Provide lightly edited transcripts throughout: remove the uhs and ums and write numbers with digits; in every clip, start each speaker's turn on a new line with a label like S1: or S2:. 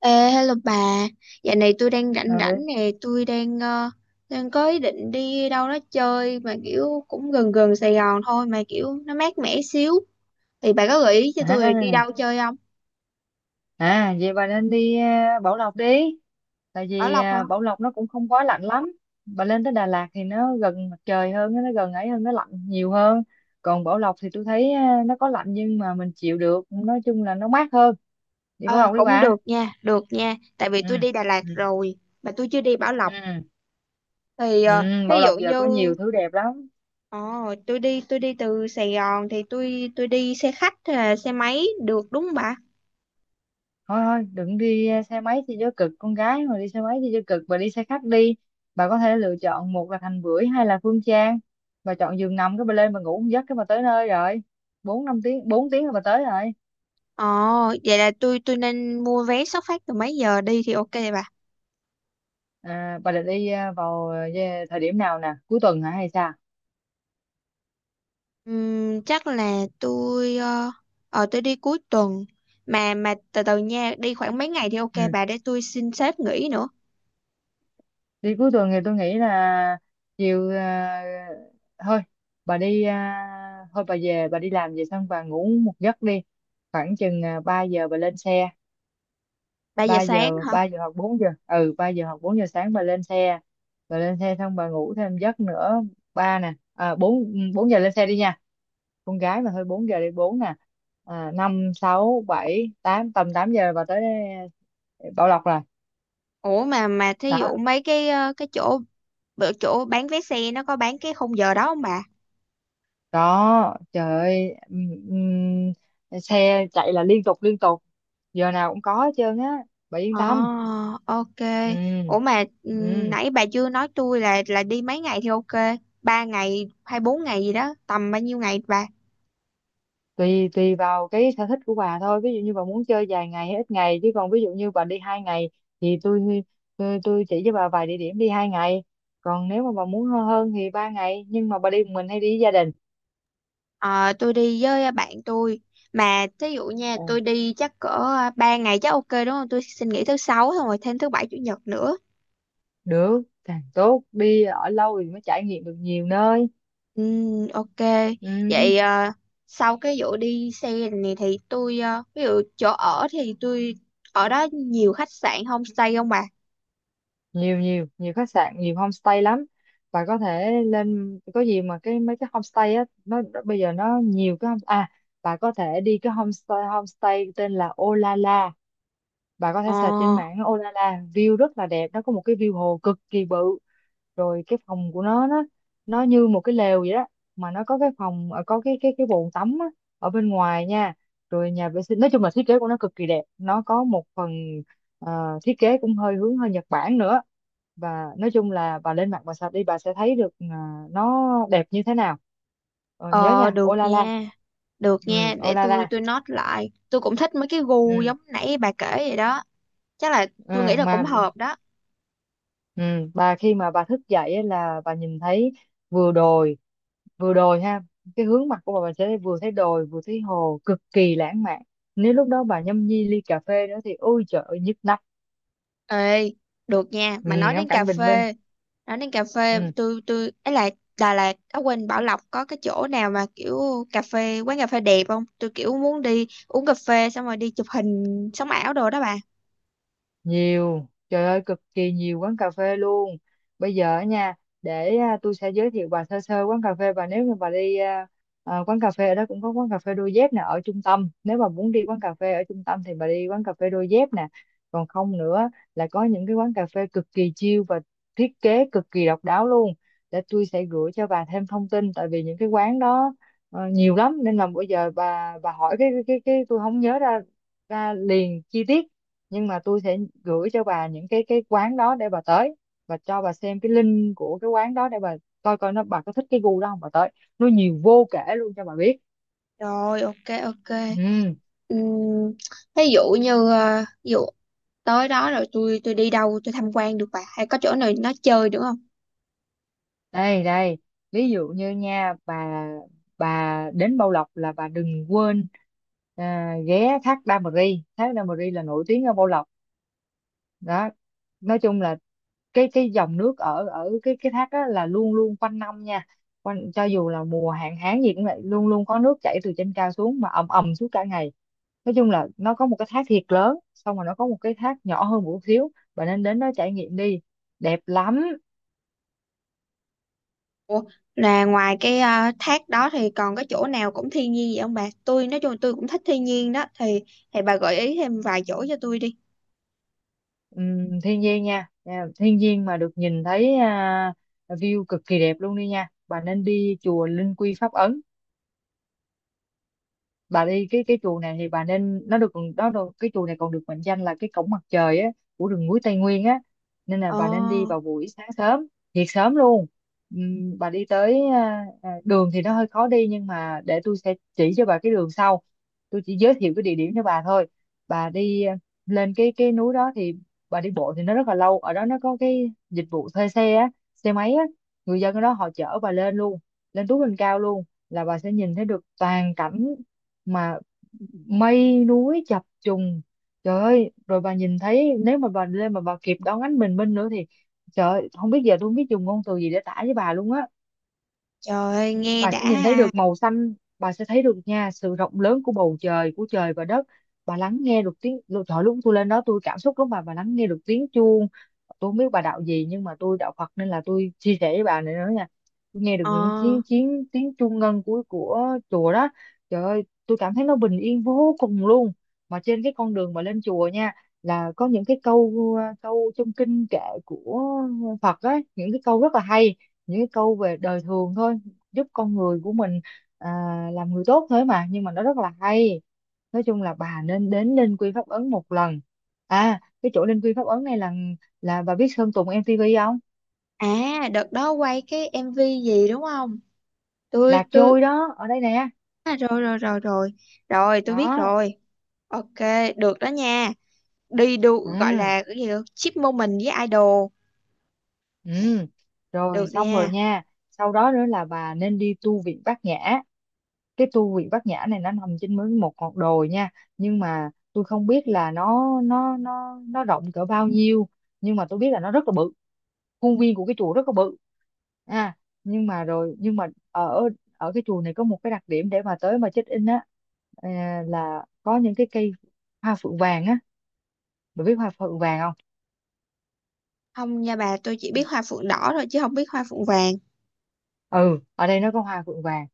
S1: Ê, hello bà, dạo này tôi đang rảnh rảnh
S2: ừ.
S1: nè, tôi đang đang có ý định đi đâu đó chơi mà kiểu cũng gần gần Sài Gòn thôi mà kiểu nó mát mẻ xíu. Thì bà có gợi ý cho tôi đi
S2: à
S1: đâu chơi không?
S2: Vậy bà nên đi Bảo Lộc đi, tại
S1: Bảo
S2: vì
S1: Lộc hả?
S2: Bảo Lộc nó cũng không quá lạnh lắm. Bà lên tới Đà Lạt thì nó gần mặt trời hơn, nó gần ấy hơn, nó lạnh nhiều hơn. Còn Bảo Lộc thì tôi thấy nó có lạnh nhưng mà mình chịu được, nói chung là nó mát hơn. Đi Bảo
S1: Ờ,
S2: Lộc đi
S1: cũng
S2: bà.
S1: được nha, tại vì
S2: ừ
S1: tôi đi Đà Lạt
S2: ừ
S1: rồi mà tôi chưa đi Bảo Lộc.
S2: ừ,
S1: Thì
S2: ừ.
S1: thí
S2: Bảo
S1: dụ
S2: Lộc giờ
S1: như
S2: có nhiều thứ đẹp lắm.
S1: ờ, tôi đi từ Sài Gòn thì tôi đi xe khách hay là xe máy được đúng không bà?
S2: Thôi thôi đừng đi, xe máy thì cho cực, con gái mà đi xe máy thì cho cực, bà đi xe khách đi. Bà có thể lựa chọn một là Thành Bưởi hay là Phương Trang. Bà chọn giường nằm cái bà lên bà ngủ một giấc cái bà tới nơi rồi. Bốn năm tiếng, bốn tiếng là bà tới rồi.
S1: Ồ, vậy là tôi nên mua vé xuất phát từ mấy giờ đi thì ok bà.
S2: Bà định đi vào thời điểm nào nè, cuối tuần hả hay sao?
S1: Chắc là tôi tôi đi cuối tuần, mà từ từ nha, đi khoảng mấy ngày thì
S2: Ừ.
S1: ok bà để tôi xin sếp nghỉ nữa.
S2: Đi cuối tuần thì tôi nghĩ là chiều thôi bà đi thôi bà về bà đi làm về xong bà ngủ một giấc đi, khoảng chừng 3 giờ bà lên xe.
S1: 3 giờ
S2: Ba
S1: sáng
S2: giờ,
S1: hả?
S2: ba giờ hoặc bốn giờ, ừ, ba giờ hoặc bốn giờ sáng bà lên xe. Bà lên xe xong bà ngủ thêm giấc nữa. Ba nè, bốn, bốn giờ lên xe đi nha, con gái mà, thôi bốn giờ đi, bốn nè. Năm sáu bảy tám, tầm tám giờ bà tới Bảo Lộc rồi.
S1: Ủa, mà thí
S2: Đó.
S1: dụ mấy cái cái chỗ bữa chỗ bán vé xe nó có bán cái khung giờ đó không bà?
S2: Đó, trời ơi, xe chạy là liên tục, liên tục, giờ nào cũng có hết trơn á, bà yên
S1: ờ
S2: tâm.
S1: ok.
S2: ừ
S1: Ủa mà
S2: ừ
S1: nãy bà chưa nói tôi là đi mấy ngày thì ok, ba ngày hay bốn ngày gì đó, tầm bao nhiêu ngày bà?
S2: Tùy, tùy vào cái sở thích của bà thôi, ví dụ như bà muốn chơi vài ngày hay ít ngày, chứ còn ví dụ như bà đi hai ngày thì tôi chỉ cho bà vài địa điểm đi hai ngày. Còn nếu mà bà muốn hơn, thì ba ngày. Nhưng mà bà đi một mình hay đi với gia đình?
S1: Ờ, tôi đi với bạn tôi, mà thí dụ nha,
S2: Ờ,
S1: tôi đi chắc cỡ 3 ngày chắc ok đúng không, tôi xin nghỉ thứ sáu xong rồi thêm thứ bảy chủ nhật nữa.
S2: được càng tốt, đi ở lâu thì mới trải nghiệm được nhiều nơi.
S1: Ừ, ok.
S2: Ừ,
S1: Vậy sau cái vụ đi xe này thì tôi ví dụ chỗ ở thì tôi ở đó nhiều khách sạn homestay không bà?
S2: nhiều, nhiều khách sạn, nhiều homestay lắm. Bà có thể lên có gì mà mấy cái homestay á, nó bây giờ nó nhiều cái homestay à. Bà có thể đi cái homestay homestay tên là Olala. Bà có thể
S1: ờ
S2: search trên mạng Olala, view rất là đẹp, nó có một cái view hồ cực kỳ bự. Rồi cái phòng của nó, nó như một cái lều vậy đó. Mà nó có cái phòng có cái bồn tắm á, ở bên ngoài nha, rồi nhà vệ sinh. Nói chung là thiết kế của nó cực kỳ đẹp, nó có một phần thiết kế cũng hơi hướng, hơi Nhật Bản nữa. Và nói chung là bà lên mạng bà search đi, bà sẽ thấy được nó đẹp như thế nào. Ờ, nhớ
S1: ờ
S2: nha,
S1: được
S2: Olala.
S1: nha, được nha,
S2: Ừ,
S1: để tôi
S2: Olala.
S1: tôi note lại, tôi cũng thích mấy cái gu
S2: Ừ,
S1: giống nãy bà kể vậy đó, chắc là
S2: ừ
S1: tôi nghĩ là cũng
S2: mà
S1: hợp đó.
S2: Ừ, bà khi mà bà thức dậy á là bà nhìn thấy vừa đồi vừa đồi ha, cái hướng mặt của bà sẽ vừa thấy đồi vừa thấy hồ, cực kỳ lãng mạn. Nếu lúc đó bà nhâm nhi ly cà phê nữa thì ôi trời ơi, nhức nách.
S1: Ê, được nha,
S2: Ừ,
S1: mà nói
S2: ngắm
S1: đến cà
S2: cảnh bình minh.
S1: phê, nói đến cà phê,
S2: Ừ.
S1: tôi ấy là Đà Lạt, ở quên, Bảo Lộc có cái chỗ nào mà kiểu cà phê, quán cà phê đẹp không? Tôi kiểu muốn đi uống cà phê xong rồi đi chụp hình sống ảo đồ đó bà.
S2: Nhiều, trời ơi, cực kỳ nhiều quán cà phê luôn. Bây giờ á nha, để tôi sẽ giới thiệu bà sơ sơ quán cà phê. Bà nếu như bà đi quán cà phê ở đó, cũng có quán cà phê đôi dép nè ở trung tâm. Nếu bà muốn đi quán cà phê ở trung tâm thì bà đi quán cà phê đôi dép nè. Còn không nữa là có những cái quán cà phê cực kỳ chill và thiết kế cực kỳ độc đáo luôn. Để tôi sẽ gửi cho bà thêm thông tin, tại vì những cái quán đó nhiều lắm, nên là bây giờ bà hỏi cái tôi không nhớ ra, ra liền chi tiết. Nhưng mà tôi sẽ gửi cho bà những cái quán đó để bà tới, và cho bà xem cái link của cái quán đó để bà coi coi nó, bà có thích cái gu đó không, bà tới. Nó nhiều vô kể luôn, cho bà biết.
S1: Rồi, ok ok.
S2: Ừ.
S1: Ừm, ví dụ như ví dụ tới đó rồi tôi đi đâu, tôi tham quan được bà, hay có chỗ nào nó chơi được không?
S2: đây đây ví dụ như nha bà đến Bảo Lộc là bà đừng quên ghé thác Đa Mờ Ri. Thác Đa Mờ Ri là nổi tiếng ở Bảo Lộc đó. Nói chung là cái dòng nước ở ở cái thác đó là luôn luôn quanh năm nha, quanh cho dù là mùa hạn hán gì cũng vậy, luôn luôn có nước chảy từ trên cao xuống mà ầm ầm suốt cả ngày. Nói chung là nó có một cái thác thiệt lớn, xong rồi nó có một cái thác nhỏ hơn một chút xíu, bạn nên đến đó trải nghiệm đi, đẹp lắm.
S1: Ủa, là ngoài cái thác đó thì còn cái chỗ nào cũng thiên nhiên vậy không bà? Tôi nói chung là tôi cũng thích thiên nhiên đó thì bà gợi ý thêm vài chỗ cho tôi đi.
S2: Thiên nhiên nha. Nha, thiên nhiên mà được nhìn thấy view cực kỳ đẹp luôn, đi nha, bà nên đi chùa Linh Quy Pháp Ấn. Bà đi cái chùa này thì bà nên, nó được đó, được, cái chùa này còn được mệnh danh là cái cổng mặt trời á, của rừng núi Tây Nguyên á. Nên là
S1: Ồ,
S2: bà nên đi vào buổi sáng sớm, thiệt sớm luôn. Bà đi tới đường thì nó hơi khó đi, nhưng mà để tôi sẽ chỉ cho bà cái đường sau, tôi chỉ giới thiệu cái địa điểm cho bà thôi. Bà đi lên cái núi đó thì bà đi bộ thì nó rất là lâu. Ở đó nó có cái dịch vụ thuê xe á, xe máy á, người dân ở đó họ chở bà lên luôn, lên túi lên cao luôn, là bà sẽ nhìn thấy được toàn cảnh mà mây núi chập trùng. Trời ơi, rồi bà nhìn thấy, nếu mà bà lên mà bà kịp đón ánh bình minh nữa thì trời ơi, không biết giờ, tôi không biết dùng ngôn từ gì để tả với bà luôn á.
S1: trời ơi, nghe
S2: Bà sẽ
S1: đã
S2: nhìn thấy
S1: ha.
S2: được màu xanh, bà sẽ thấy được nha sự rộng lớn của bầu trời, của trời và đất. Bà lắng nghe được tiếng lúc trời, lúc tôi lên đó tôi cảm xúc lắm bà lắng nghe được tiếng chuông. Tôi không biết bà đạo gì nhưng mà tôi đạo Phật, nên là tôi chia sẻ với bà này nữa nha. Tôi nghe được
S1: Ờ,
S2: những tiếng tiếng tiếng chuông ngân của chùa đó, trời ơi, tôi cảm thấy nó bình yên vô cùng luôn. Mà trên cái con đường mà lên chùa nha, là có những cái câu câu trong kinh kệ của Phật ấy, những cái câu rất là hay, những cái câu về đời thường thôi, giúp con người của mình à, làm người tốt thế mà, nhưng mà nó rất là hay. Nói chung là bà nên đến Linh Quy Pháp Ấn một lần. À cái chỗ Linh Quy Pháp Ấn này là bà biết Sơn Tùng MTV không?
S1: à đợt đó quay cái MV gì đúng không?
S2: Là
S1: Tôi
S2: trôi đó ở đây nè.
S1: à, rồi rồi rồi rồi. Rồi tôi biết
S2: Đó.
S1: rồi. Ok, được đó nha. Đi đu gọi
S2: Ừ.
S1: là cái gì đó, chip moment với idol.
S2: Ừ, rồi
S1: Được
S2: xong rồi
S1: nha.
S2: nha. Sau đó nữa là bà nên đi tu viện Bát Nhã. Cái tu viện Bát Nhã này nó nằm trên mới một ngọn đồi nha, nhưng mà tôi không biết là nó rộng cỡ bao nhiêu, nhưng mà tôi biết là nó rất là bự, khuôn viên của cái chùa rất là bự. À, nhưng mà ở ở cái chùa này có một cái đặc điểm để mà tới mà check in á, là có những cái cây hoa phượng vàng á. Bà biết hoa phượng vàng không?
S1: Không nha bà, tôi chỉ biết hoa phượng đỏ thôi chứ không biết hoa phượng vàng.
S2: Ừ, ở đây nó có hoa phượng vàng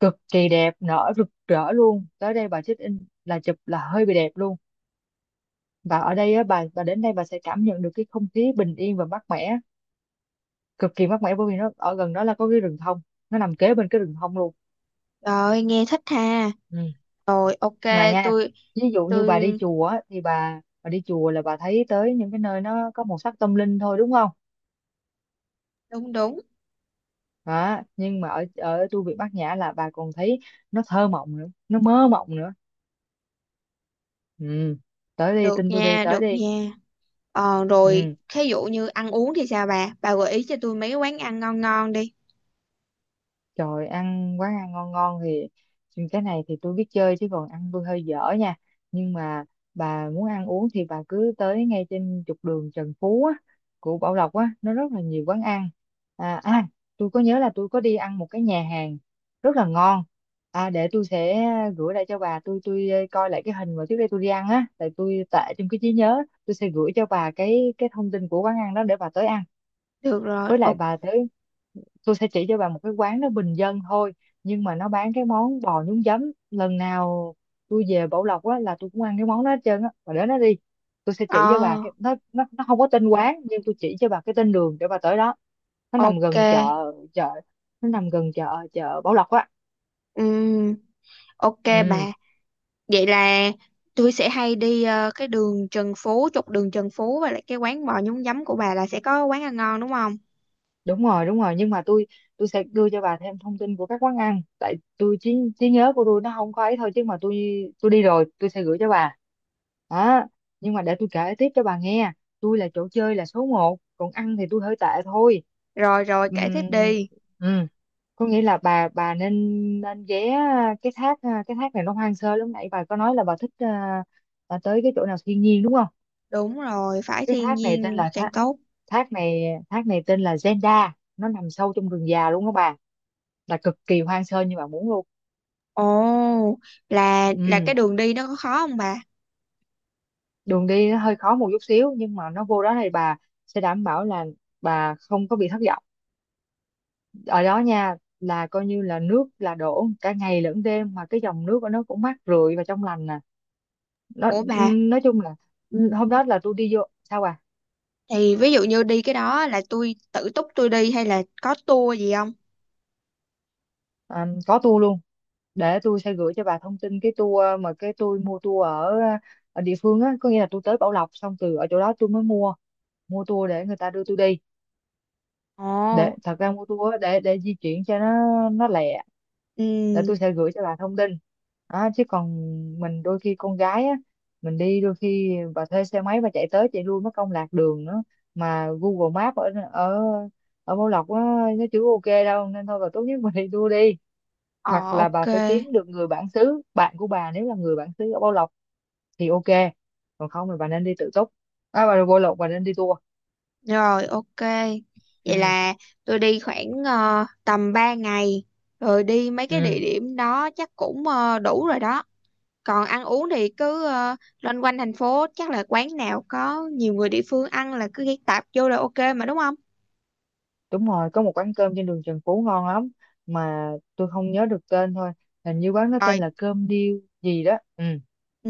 S2: cực kỳ đẹp, nở rực rỡ luôn, tới đây bà check in là chụp là hơi bị đẹp luôn. Và ở đây á, bà đến đây bà sẽ cảm nhận được cái không khí bình yên và mát mẻ, cực kỳ mát mẻ, bởi vì nó ở gần đó là có cái rừng thông, nó nằm kế bên cái rừng thông luôn.
S1: Rồi, nghe thích ha.
S2: Ừ.
S1: Rồi ok,
S2: Mà nha,
S1: tôi
S2: ví dụ như bà đi
S1: tôi
S2: chùa á, thì bà đi chùa là bà thấy tới những cái nơi nó có màu sắc tâm linh thôi đúng không?
S1: đúng đúng,
S2: Đó, nhưng mà ở ở tu viện Bát Nhã là bà còn thấy nó thơ mộng nữa, nó mơ mộng nữa. Ừ. Tới đi,
S1: được
S2: tin tôi đi,
S1: nha,
S2: tới
S1: được
S2: đi.
S1: nha. Ờ, rồi
S2: Ừ.
S1: thí dụ như ăn uống thì sao bà? Bà gợi ý cho tôi mấy quán ăn ngon ngon đi.
S2: Trời, ăn quán ăn ngon ngon thì cái này thì tôi biết chơi chứ còn ăn tôi hơi dở nha. Nhưng mà bà muốn ăn uống thì bà cứ tới ngay trên trục đường Trần Phú á, của Bảo Lộc á, nó rất là nhiều quán ăn. À, à tôi có nhớ là tôi có đi ăn một cái nhà hàng rất là ngon. À, để tôi sẽ gửi lại cho bà, tôi coi lại cái hình mà trước đây tôi đi ăn á, tại tôi tệ trong cái trí nhớ, tôi sẽ gửi cho bà cái thông tin của quán ăn đó để bà tới ăn.
S1: Được rồi.
S2: Với lại
S1: Ok.
S2: bà tới, tôi sẽ chỉ cho bà một cái quán nó bình dân thôi nhưng mà nó bán cái món bò nhúng giấm. Lần nào tôi về Bảo Lộc á là tôi cũng ăn cái món đó hết trơn á. Bà đến đó đi, tôi sẽ chỉ cho
S1: Ờ,
S2: bà cái, nó không có tên quán nhưng tôi chỉ cho bà cái tên đường để bà tới đó. Nó nằm
S1: ok.
S2: gần chợ, chợ nó nằm gần chợ, chợ Bảo Lộc á.
S1: Ừm, ok
S2: Ừ,
S1: bà. Vậy là tôi sẽ hay đi cái đường Trần Phú, trục đường Trần Phú, và lại cái quán bò nhúng giấm của bà là sẽ có quán ăn ngon đúng không?
S2: đúng rồi, nhưng mà tôi sẽ đưa cho bà thêm thông tin của các quán ăn, tại tôi trí trí nhớ của tôi nó không có ấy thôi, chứ mà tôi đi rồi tôi sẽ gửi cho bà. Đó, nhưng mà để tôi kể tiếp cho bà nghe. Tôi là chỗ chơi là số một, còn ăn thì tôi hơi tệ thôi.
S1: Rồi rồi, kể tiếp
S2: Ừm,
S1: đi.
S2: ừm, có nghĩa là bà nên, nên ghé cái thác. Cái thác này nó hoang sơ lắm. Nãy bà có nói là bà thích tới cái chỗ nào thiên nhiên đúng không.
S1: Đúng rồi, phải
S2: Cái
S1: thiên
S2: thác này tên
S1: nhiên
S2: là
S1: càng
S2: thác
S1: tốt.
S2: thác này thác này tên là Zenda. Nó nằm sâu trong rừng già luôn các bạn, là cực kỳ hoang sơ như bạn muốn luôn.
S1: Ồ, là cái
S2: Ừ,
S1: đường đi nó có khó không bà?
S2: đường đi nó hơi khó một chút xíu, nhưng mà nó vô đó thì bà sẽ đảm bảo là bà không có bị thất vọng ở đó nha. Là coi như là nước là đổ cả ngày lẫn đêm, mà cái dòng nước của nó cũng mát rượi và trong lành nè. Nó
S1: Ủa bà,
S2: nói chung là, ừ, hôm đó là tôi đi vô sao à,
S1: thì ví dụ như đi cái đó là tôi tự túc tôi đi hay là có tour gì không?
S2: à, có tour luôn, để tôi sẽ gửi cho bà thông tin cái tour. Mà cái tôi mua tour ở, ở địa phương á, có nghĩa là tôi tới Bảo Lộc xong từ ở chỗ đó tôi mới mua mua tour để người ta đưa tôi đi.
S1: Ồ,
S2: Để thật ra mua tour á, để di chuyển cho nó lẹ.
S1: ừ,
S2: Để tôi sẽ gửi cho bà thông tin đó, chứ còn mình đôi khi con gái á, mình đi đôi khi bà thuê xe máy bà chạy tới chạy lui mất công lạc đường nữa. Mà Google Maps ở ở ở Bảo Lộc á, nó chưa ok đâu, nên thôi bà tốt nhất mình đi tour đi.
S1: ờ,
S2: Hoặc là
S1: ok,
S2: bà phải kiếm được người bản xứ, bạn của bà nếu là người bản xứ ở Bảo Lộc thì ok, còn không thì bà nên đi tự túc. À, bà đi Bảo Lộc bà nên đi tour.
S1: rồi ok. Vậy
S2: Ừ.
S1: là tôi đi khoảng tầm 3 ngày, rồi đi mấy cái
S2: Ừ,
S1: địa điểm đó chắc cũng đủ rồi đó. Còn ăn uống thì cứ loanh quanh thành phố, chắc là quán nào có nhiều người địa phương ăn là cứ ghé tạp vô là ok mà đúng không?
S2: đúng rồi, có một quán cơm trên đường Trần Phú ngon lắm, mà tôi không nhớ được tên thôi. Hình như quán nó tên là cơm điêu gì đó. Ừ.
S1: Ừ,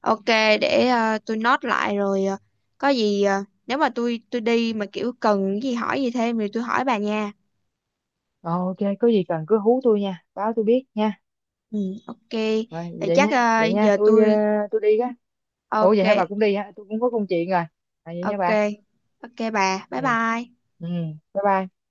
S1: ok, để tôi note lại rồi. Ờ, có gì nếu mà tôi đi mà kiểu cần cái gì hỏi gì thêm thì tôi hỏi bà nha.
S2: Ờ, ok, có gì cần cứ hú tôi nha, báo tôi biết nha.
S1: Ừ, ok.
S2: Rồi,
S1: Thì
S2: vậy
S1: chắc
S2: nha vậy nha
S1: giờ
S2: tôi
S1: tôi
S2: tôi đi á. Ủa
S1: ok,
S2: vậy hả, bà cũng đi hả, tôi cũng có công chuyện rồi. À, vậy nha
S1: ok
S2: bà.
S1: ok bà. Bye
S2: Ừ.
S1: bye.
S2: Ừ, bye bye.